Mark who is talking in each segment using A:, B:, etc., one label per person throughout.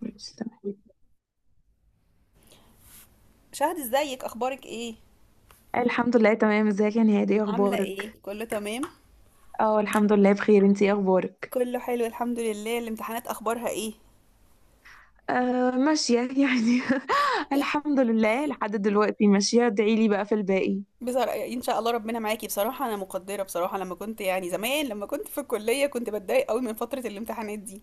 A: ماشي تمام.
B: شهد، ازيك؟ اخبارك ايه؟
A: الحمد لله تمام، ازيك يا نهاد؟ ايه
B: عامله
A: اخبارك؟
B: ايه؟ كله تمام؟
A: اه الحمد لله بخير. انتي ايه اخبارك؟
B: كله حلو الحمد لله. الامتحانات اخبارها ايه؟
A: آه ماشية يعني. الحمد لله لحد دلوقتي ماشية، ادعي لي بقى في الباقي.
B: بصراحه ان شاء الله ربنا معاكي. بصراحه انا مقدره، بصراحه لما كنت يعني زمان لما كنت في الكليه كنت بتضايق قوي من فتره الامتحانات دي.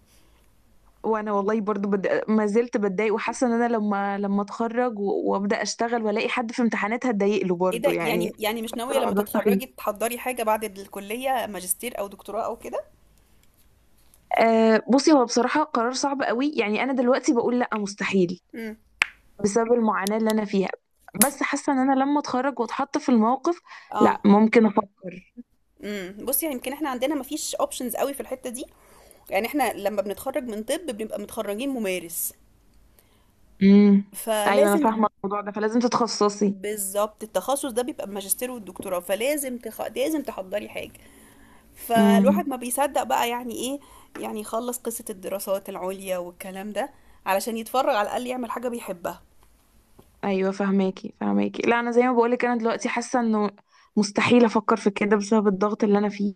A: وانا والله برضو ما زلت بتضايق، وحاسة ان انا لما اتخرج وابدا اشتغل والاقي حد في امتحانات هتضايق له
B: ايه
A: برضو
B: ده؟
A: يعني.
B: يعني مش ناويه لما
A: الموضوع سخيف.
B: تتخرجي تحضري حاجه بعد الكليه، ماجستير او دكتوراه او كده؟
A: بصي، هو بصراحة قرار صعب قوي. يعني انا دلوقتي بقول لا، مستحيل
B: امم
A: بسبب المعاناة اللي أنا فيها. بس حاسة إن أنا لما أتخرج وأتحط في الموقف،
B: اه
A: لأ ممكن أفكر.
B: بصي، يعني يمكن احنا عندنا مفيش اوبشنز قوي في الحته دي. يعني احنا لما بنتخرج من طب بنبقى متخرجين ممارس،
A: امم أيوة أنا
B: فلازم.
A: فاهمة الموضوع ده، فلازم تتخصصي.
B: بالظبط، التخصص ده بيبقى الماجستير والدكتوراه، فلازم لازم تحضري حاجة. فالواحد
A: امم
B: ما بيصدق بقى يعني ايه، يعني يخلص قصة الدراسات العليا والكلام ده علشان يتفرغ على الأقل يعمل حاجة بيحبها.
A: أيوة، فاهماكي. لا أنا زي ما بقولك، أنا دلوقتي حاسة إنه مستحيل أفكر في كده بسبب الضغط اللي أنا فيه.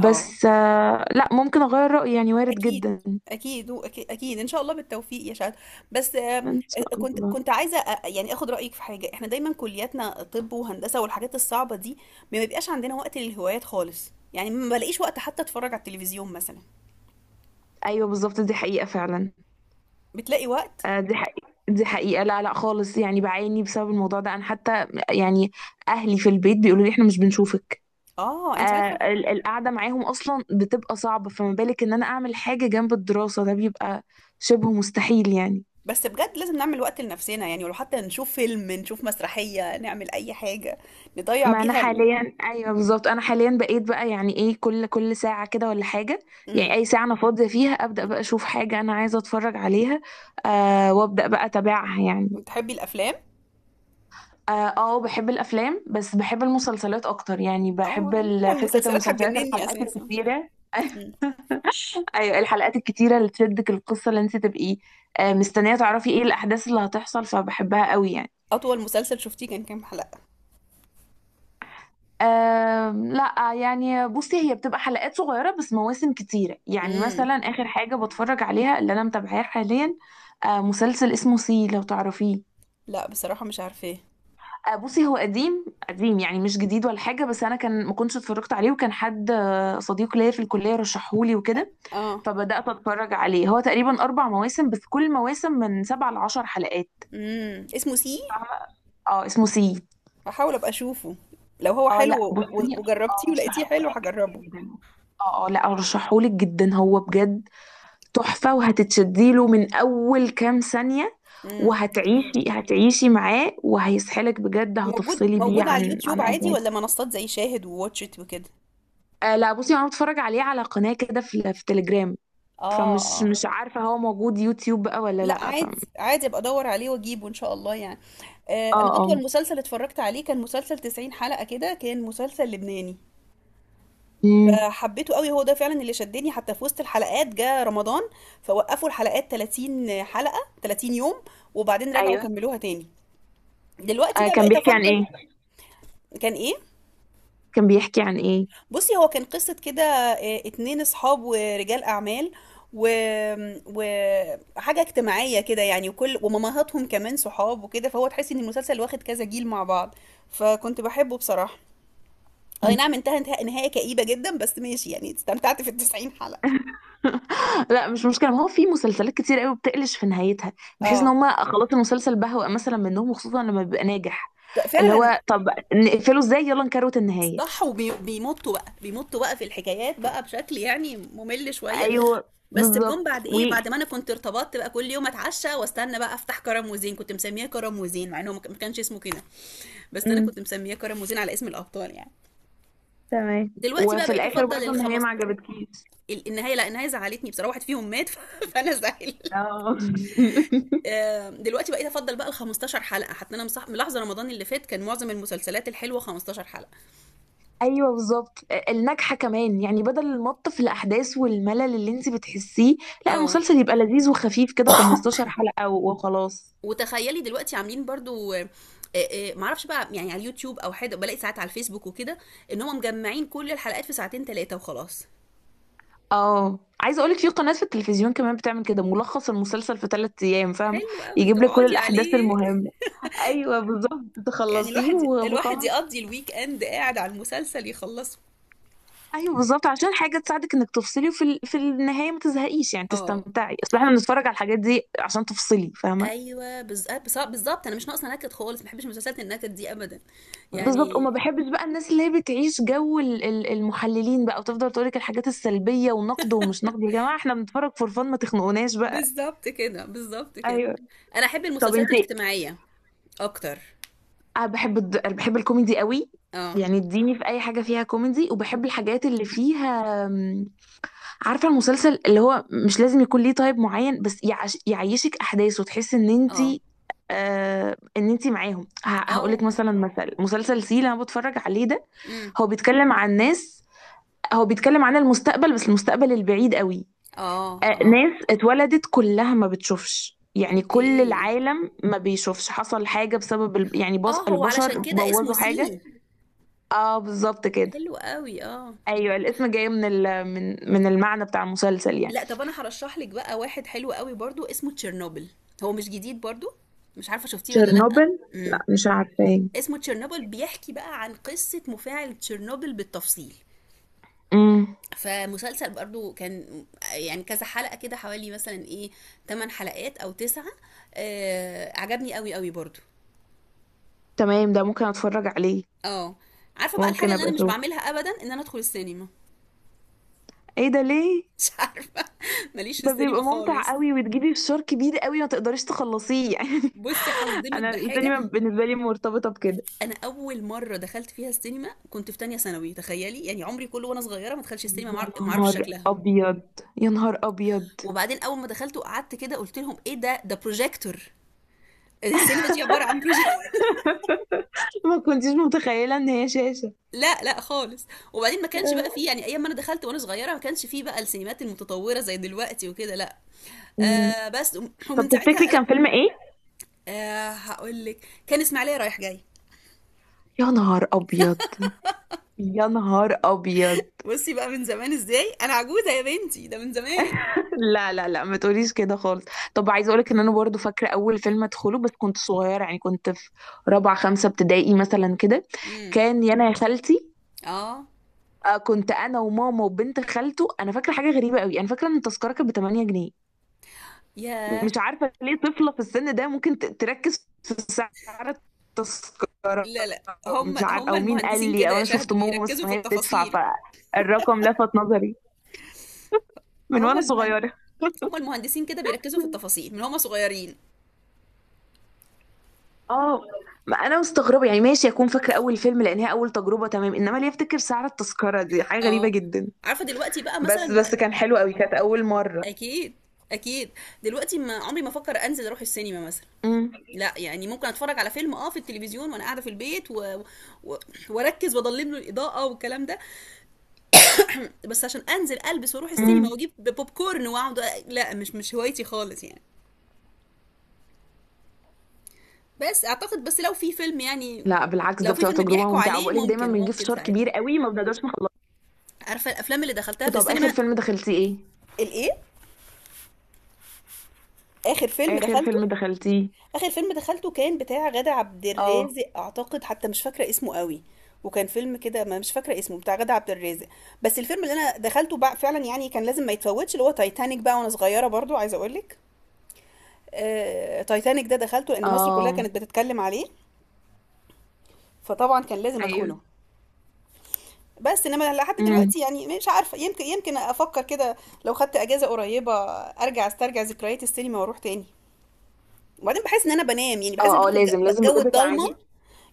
B: اه،
A: لأ ممكن أغير رأيي، يعني وارد
B: أكيد،
A: جدا.
B: أكيد أكيد أكيد إن شاء الله بالتوفيق يا شهد. بس
A: إن شاء
B: كنت
A: الله.
B: كنت عايزة آخد رأيك في حاجة. إحنا دايما كلياتنا طب وهندسة والحاجات الصعبة دي ما بيبقاش عندنا وقت للهوايات خالص. يعني ما بلاقيش وقت حتى أتفرج على التلفزيون مثلا.
A: أيوة بالظبط، دي حقيقة فعلا.
B: بتلاقي وقت؟
A: دي حقيقة، دي حقيقة. لا لا خالص، يعني بعاني بسبب الموضوع ده. أنا حتى يعني أهلي في البيت بيقولوا لي إحنا مش بنشوفك.
B: اه،
A: آه.
B: انت عارفه.
A: القعدة معاهم أصلا بتبقى صعبة، فما بالك إن أنا أعمل حاجة جنب الدراسة؟ ده بيبقى شبه مستحيل يعني.
B: بس بجد لازم نعمل وقت لنفسنا، يعني ولو حتى نشوف فيلم، نشوف مسرحية، نعمل أي حاجة نضيع
A: ما أنا
B: بيها
A: حاليا، أيوه بالظبط، أنا حاليا بقيت بقى يعني إيه، كل ساعة كده ولا حاجة يعني
B: مم.
A: أي ساعة أنا فاضية فيها أبدأ بقى أشوف حاجة أنا عايزة أتفرج عليها. وأبدأ بقى أتابعها يعني.
B: بتحبي الأفلام؟
A: اه. بحب الافلام، بس بحب المسلسلات اكتر. يعني بحب
B: اه، يعني
A: فكره
B: المسلسلات
A: المسلسلات،
B: هتجنني
A: الحلقات
B: أساسا.
A: الكتيره.
B: مم.
A: ايوه الحلقات الكتيره اللي تشدك القصه، اللي انت تبقي مستنيه تعرفي ايه الاحداث اللي هتحصل، فبحبها قوي يعني.
B: أطول مسلسل شفتيه كان كام حلقة؟
A: لا يعني بصي، هي بتبقى حلقات صغيرة بس مواسم كتيرة. يعني
B: مم.
A: مثلا آخر حاجة بتفرج عليها اللي أنا متابعاها حاليا، مسلسل اسمه سي، لو تعرفيه.
B: لا بصراحة مش عارفاه.
A: بصي هو قديم قديم يعني، مش جديد ولا حاجة، بس أنا كان ما كنتش اتفرجت عليه، وكان حد صديق ليا في الكلية رشحهولي وكده.
B: اه.
A: فبدأت أتفرج عليه. هو تقريبا أربع مواسم، بس كل مواسم من سبع لعشر حلقات.
B: مم. اسمه سي.
A: فاهمة. اه اسمه سي.
B: هحاول أبقى أشوفه، لو هو
A: اه
B: حلو
A: لا بصي،
B: وجربتيه ولقيتيه حلو
A: أرشحهولك
B: هجربه.
A: جدا. اه اه لا أرشحهولك جدا، هو بجد تحفة، وهتتشديله من أول كام ثانية.
B: مم.
A: وهتعيشي، هتعيشي معاه، وهيسحلك بجد،
B: موجود
A: هتفصلي بيه
B: موجود على
A: عن
B: اليوتيوب
A: أي
B: عادي،
A: حاجة.
B: ولا منصات زي شاهد وواتشت وكده؟
A: آه لا بصي، انا بتفرج عليه على قناة كده في تليجرام.
B: اه
A: فمش
B: اه.
A: مش عارفة هو موجود يوتيوب بقى ولا
B: لا
A: لا
B: عادي، عادي، ابقى ادور عليه واجيبه ان شاء الله يعني.
A: اه
B: انا
A: اه.
B: اطول مسلسل اتفرجت عليه كان مسلسل 90 حلقة كده، كان مسلسل لبناني
A: مم.
B: فحبيته قوي. هو ده فعلا اللي شدني، حتى في وسط الحلقات جه رمضان فوقفوا الحلقات، 30 حلقة 30 يوم، وبعدين رجعوا
A: ايوه.
B: كملوها تاني. دلوقتي
A: آه
B: بقى
A: كان
B: بقيت
A: بيحكي عن
B: افضل.
A: ايه؟
B: كان ايه؟
A: كان بيحكي عن ايه؟
B: بصي، هو كان قصة كده، اتنين اصحاب ورجال اعمال و... وحاجة اجتماعية كده يعني، وكل ومامهاتهم كمان صحاب وكده، فهو تحس ان المسلسل واخد كذا جيل مع بعض، فكنت بحبه بصراحة. اي نعم،
A: مم.
B: انتهى نهاية كئيبة جدا، بس ماشي يعني، استمتعت في التسعين حلقة.
A: لا مش مشكلة، ما هو في مسلسلات كتير قوي بتقلش في نهايتها، بحيث ان
B: اه،
A: هما خلاص المسلسل بهوأ مثلا منهم، وخصوصا لما بيبقى ناجح. اللي
B: فعلا.
A: هو طب، نقفله ازاي؟ يلا نكروت النهاية.
B: صح، وبيمطوا بقى، بيمطوا بقى في الحكايات بقى بشكل يعني ممل شوية.
A: ايوه
B: بس بجون
A: بالظبط
B: بعد ايه،
A: ويجي.
B: بعد ما انا كنت ارتبطت بقى كل يوم اتعشى واستنى بقى افتح كرم وزين. كنت مسمياه كرم وزين مع انه ما كانش اسمه كده، بس انا
A: مم.
B: كنت مسمياه كرم وزين على اسم الابطال يعني.
A: تمام،
B: دلوقتي بقى
A: وفي
B: بقيت
A: الاخر
B: افضل
A: برضه النهاية
B: الخمس
A: ما عجبتكيش.
B: النهايه. لا النهايه زعلتني بصراحه، واحد فيهم مات فانا زعل.
A: اه.
B: دلوقتي بقيت افضل بقى ال 15 حلقه. حتى انا ملاحظه رمضان اللي فات كان معظم المسلسلات الحلوه 15 حلقه.
A: ايوه بالظبط، الناجحه كمان يعني، بدل المط في الاحداث والملل اللي انت بتحسيه. لا،
B: اه.
A: المسلسل يبقى لذيذ وخفيف كده 15 حلقه و- وخلاص.
B: وتخيلي دلوقتي عاملين برضو، معرفش بقى يعني على اليوتيوب او حاجه، بلاقي ساعات على الفيسبوك وكده ان هم مجمعين كل الحلقات في ساعتين ثلاثه وخلاص.
A: اه عايزه اقولك في قناه في التلفزيون كمان بتعمل كده ملخص المسلسل في ثلاث ايام، فاهمه؟
B: حلو قوي
A: يجيب لك كل
B: تقعدي
A: الاحداث
B: عليه.
A: المهمه. ايوه بالظبط،
B: يعني
A: تخلصيه
B: الواحد الواحد
A: وخلاص.
B: يقضي الويك اند قاعد على المسلسل يخلصه.
A: ايوه بالظبط، عشان حاجه تساعدك انك تفصلي، وفي في النهايه ما تزهقيش يعني،
B: اه،
A: تستمتعي. اصل احنا بنتفرج على الحاجات دي عشان تفصلي، فاهمه؟
B: ايوه، بالظبط، انا مش ناقصه نكد خالص، ما بحبش مسلسلات النكد دي ابدا
A: بالظبط، وما
B: يعني.
A: بحبش بقى الناس اللي هي بتعيش جو المحللين بقى، وتفضل تقولك الحاجات السلبية ونقد ومش نقد. يا جماعة احنا بنتفرج فور فن، ما تخنقوناش بقى.
B: بالظبط كده، بالظبط كده.
A: ايوه.
B: انا احب
A: طب
B: المسلسلات
A: انت،
B: الاجتماعيه اكتر.
A: انا أنا بحب الكوميدي قوي.
B: اه
A: يعني اديني في اي حاجة فيها كوميدي. وبحب الحاجات اللي فيها عارفة المسلسل اللي هو مش لازم يكون ليه تايب معين، بس يعيشك احداث، وتحسي ان
B: اه
A: انت آه ان انت معاهم.
B: اه
A: هقولك
B: اه.
A: مثلا، مثل مسلسل سي اللي انا بتفرج عليه ده،
B: امم.
A: هو بيتكلم عن ناس، هو بيتكلم عن المستقبل، بس المستقبل البعيد قوي.
B: اه اه.
A: ناس اتولدت كلها ما بتشوفش، يعني كل
B: اوكي.
A: العالم ما بيشوفش، حصل حاجة بسبب يعني
B: اه، هو
A: البشر
B: علشان كده اسمه
A: بوظوا
B: سي.
A: حاجة. اه بالظبط كده.
B: حلو قوي، اه.
A: ايوه الاسم جاي من من المعنى بتاع المسلسل يعني.
B: لا طب انا هرشح لك بقى واحد حلو قوي برضو، اسمه تشيرنوبل. هو مش جديد برضو، مش عارفه شفتيه ولا لا.
A: تشيرنوبل،
B: امم.
A: لا مش عارفاه.
B: اسمه تشيرنوبل، بيحكي بقى عن قصه مفاعل تشيرنوبل بالتفصيل.
A: امم.
B: فمسلسل برضو كان يعني كذا حلقة كده حوالي، مثلا ايه، 8 حلقات او 9. آه، عجبني قوي قوي برضو.
A: تمام، ده ممكن اتفرج عليه.
B: اه. عارفة بقى
A: ممكن
B: الحاجة اللي
A: ابقى
B: انا مش
A: اشوفه.
B: بعملها ابدا، ان انا ادخل السينما.
A: ايه ده، ليه؟
B: مش عارفة، ماليش في
A: ده
B: السينما
A: بيبقى ممتع
B: خالص.
A: قوي، وتجيبي فشار كبير قوي ما تقدريش تخلصيه يعني.
B: بصي هصدمك
A: انا
B: بحاجه،
A: السينما بالنسبة لي مرتبطة بكده.
B: انا اول مره دخلت فيها السينما كنت في تانية ثانوي، تخيلي يعني. عمري كله وانا صغيره ما دخلش السينما،
A: يا
B: ما اعرفش
A: نهار
B: شكلها.
A: ابيض، يا نهار ابيض.
B: وبعدين اول ما دخلت وقعدت كده قلت لهم ايه ده، ده بروجيكتور؟ السينما دي عباره عن بروجيكتور.
A: ما كنتيش متخيله ان هي شاشه؟
B: لا لا خالص. وبعدين ما كانش بقى فيه يعني، ايام ما انا دخلت وانا صغيره ما كانش فيه بقى السينمات المتطوره زي دلوقتي وكده، لا.
A: أمم.
B: بس
A: طب
B: ومن ساعتها
A: تفتكري
B: انا.
A: كان فيلم ايه؟
B: هقول لك، كان اسماعيليه رايح جاي.
A: يا نهار ابيض، يا نهار ابيض.
B: بصي بقى من زمان، ازاي انا عجوزه يا بنتي، ده من زمان.
A: لا لا لا ما تقوليش كده خالص. طب عايزه اقولك ان انا برضو فاكره اول فيلم ادخله، بس كنت صغيره يعني كنت في رابعه خمسه ابتدائي مثلا كده.
B: امم.
A: كان يا انا يا خالتي.
B: اه.
A: كنت انا وماما وبنت خالته. انا فاكره حاجه غريبه قوي، انا فاكره ان التذكره كانت ب 8 جنيه. مش
B: ياه.
A: عارفة ليه طفلة في السن ده ممكن تركّز في سعر التذكرة،
B: لا لا. هم
A: مش عار،
B: هم
A: أو مين قال
B: المهندسين
A: لي،
B: كده
A: أو
B: يا
A: أنا شُفت
B: شهد،
A: ماما
B: بيركزوا
A: مثلًا
B: في
A: وهي بتدفع
B: التفاصيل.
A: فالرقم لَفَت نظري من
B: هم
A: وأنا
B: المهن
A: صغيرة.
B: هم المهندسين كده بيركزوا في التفاصيل من هم صغيرين.
A: آه، ما أنا مستغربة يعني، ماشي أكون فاكرة أول فيلم لإن هي أول تجربة، تمام، إنّما ليه أفتكر سعر التذكرة؟ دي حاجة غريبة
B: اه.
A: جدًا.
B: عارفة دلوقتي بقى
A: بس
B: مثلا.
A: بس كان حلو أوي، كانت أول مرّة.
B: اكيد، اكيد. دلوقتي ما عمري ما افكر انزل اروح السينما مثلا.
A: إمم.
B: لا يعني، ممكن اتفرج على فيلم اه في التلفزيون وانا قاعده في البيت و... واركز واضلم له الاضاءه والكلام ده. بس عشان انزل البس واروح السينما
A: إمم.
B: واجيب بوب كورن واقعد، لا، مش هوايتي خالص يعني. بس اعتقد، بس لو في فيلم يعني،
A: لأ بالعكس، ده
B: لو في
A: بتبقى
B: فيلم
A: تجربة
B: بيحكوا
A: ممتعة،
B: عليه،
A: وباقول لِك دايمًا
B: ممكن
A: بنجيب
B: ممكن
A: فشار
B: ساعتها.
A: كبير أوي ما بنقدرش نخلّصه.
B: عارفه الافلام اللي دخلتها في
A: طَب آخر
B: السينما.
A: فيلم دخلتيه إيه؟
B: الايه، اخر فيلم
A: آخر
B: دخلته؟
A: فيلم دخلتيه؟
B: اخر فيلم دخلته كان بتاع غادة عبد
A: اه
B: الرازق اعتقد، حتى مش فاكره اسمه قوي. وكان فيلم كده، ما مش فاكره اسمه، بتاع غادة عبد الرازق. بس الفيلم اللي انا دخلته بقى فعلا يعني كان لازم ما يتفوتش اللي هو تايتانيك بقى، وانا صغيره برضو عايزه اقول لك. تايتانيك ده دخلته لان مصر كلها
A: اه.
B: كانت بتتكلم عليه، فطبعا كان لازم ادخله.
A: ايوه.
B: بس انما لحد
A: امم.
B: دلوقتي يعني مش عارفه، يمكن افكر كده، لو خدت اجازه قريبه ارجع استرجع ذكريات السينما واروح تاني. وبعدين بحس ان انا بنام يعني، بحس ان
A: اه اه
B: بدخل
A: لازم، لازم
B: جو
A: بجد
B: الضلمه،
A: تعملي.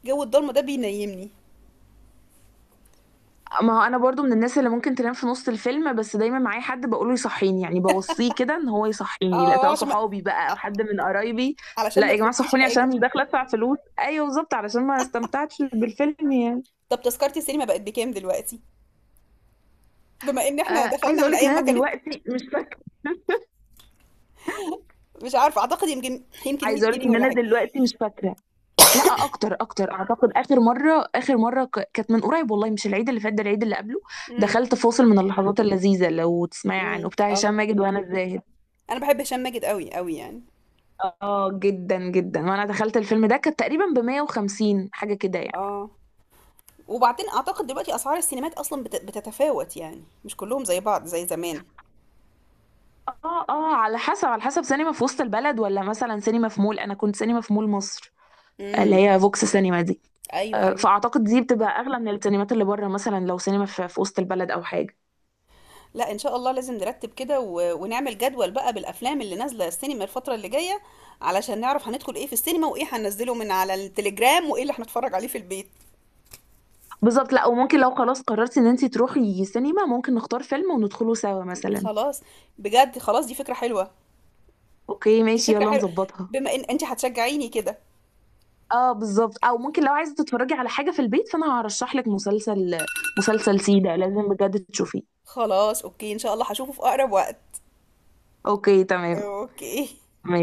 B: جو الضلمه ده بينيمني.
A: ما هو انا برضو من الناس اللي ممكن تنام في نص الفيلم، بس دايما معايا حد بقوله يصحيني، يعني بوصيه كده ان هو يصحيني، لا
B: اه،
A: سواء
B: عشان ما
A: صحابي بقى او حد من قرايبي.
B: علشان
A: لا
B: ما
A: يا جماعه
B: تفوتكيش
A: صحوني، عشان
B: حاجه.
A: انا مش داخله ادفع فلوس. ايوه بالظبط، علشان ما استمتعتش بالفيلم يعني.
B: طب تذكره السينما بقت بكام دلوقتي؟ بما ان احنا
A: آه عايزه
B: دخلنا
A: اقول
B: من
A: لك ان
B: ايام
A: انا
B: ما كانت.
A: دلوقتي مش فاكره.
B: مش عارفه اعتقد، يمكن
A: عايزه
B: 100
A: اقول لك
B: جنيه
A: ان
B: ولا
A: انا
B: حاجه.
A: دلوقتي مش فاكره. لا اكتر اكتر، اعتقد اخر مره، اخر مره كانت من قريب والله، مش العيد اللي فات ده، العيد اللي قبله.
B: امم.
A: دخلت فاصل من اللحظات اللذيذه، لو تسمعي
B: امم.
A: عنه، بتاع هشام
B: اه.
A: ماجد وهنا الزاهد.
B: انا بحب هشام ماجد قوي قوي يعني.
A: اه جدا جدا. وانا دخلت الفيلم ده كانت تقريبا ب 150 حاجه كده يعني.
B: اه. وبعدين اعتقد دلوقتي اسعار السينمات اصلا بتتفاوت يعني، مش كلهم زي بعض زي زمان.
A: اه اه على حسب، على حسب سينما في وسط البلد ولا مثلا سينما في مول. انا كنت سينما في مول مصر، اللي
B: امم.
A: هي فوكس سينما دي.
B: ايوه، ايوه.
A: فاعتقد دي بتبقى اغلى من السينمات اللي بره، مثلا لو سينما في وسط البلد او حاجه.
B: لا ان شاء الله لازم نرتب كده ونعمل جدول بقى بالافلام اللي نازله السينما الفتره اللي جايه، علشان نعرف هندخل ايه في السينما، وايه هننزله من على التليجرام، وايه اللي هنتفرج عليه في البيت.
A: بالظبط. لا وممكن لو خلاص قررتي ان انتي تروحي سينما، ممكن نختار فيلم وندخله سوا مثلا.
B: خلاص، بجد خلاص، دي فكره حلوه.
A: اوكي
B: دي
A: ماشي،
B: فكره
A: يلا
B: حلوه،
A: نظبطها.
B: بما ان انت هتشجعيني كده.
A: اه بالظبط، او ممكن لو عايزه تتفرجي على حاجه في البيت فانا هرشح لك مسلسل، مسلسل سيدة لازم بجد تشوفيه.
B: خلاص، اوكي، ان شاء الله هشوفه في اقرب وقت.
A: اوكي تمام.
B: اوكي.
A: ماشي.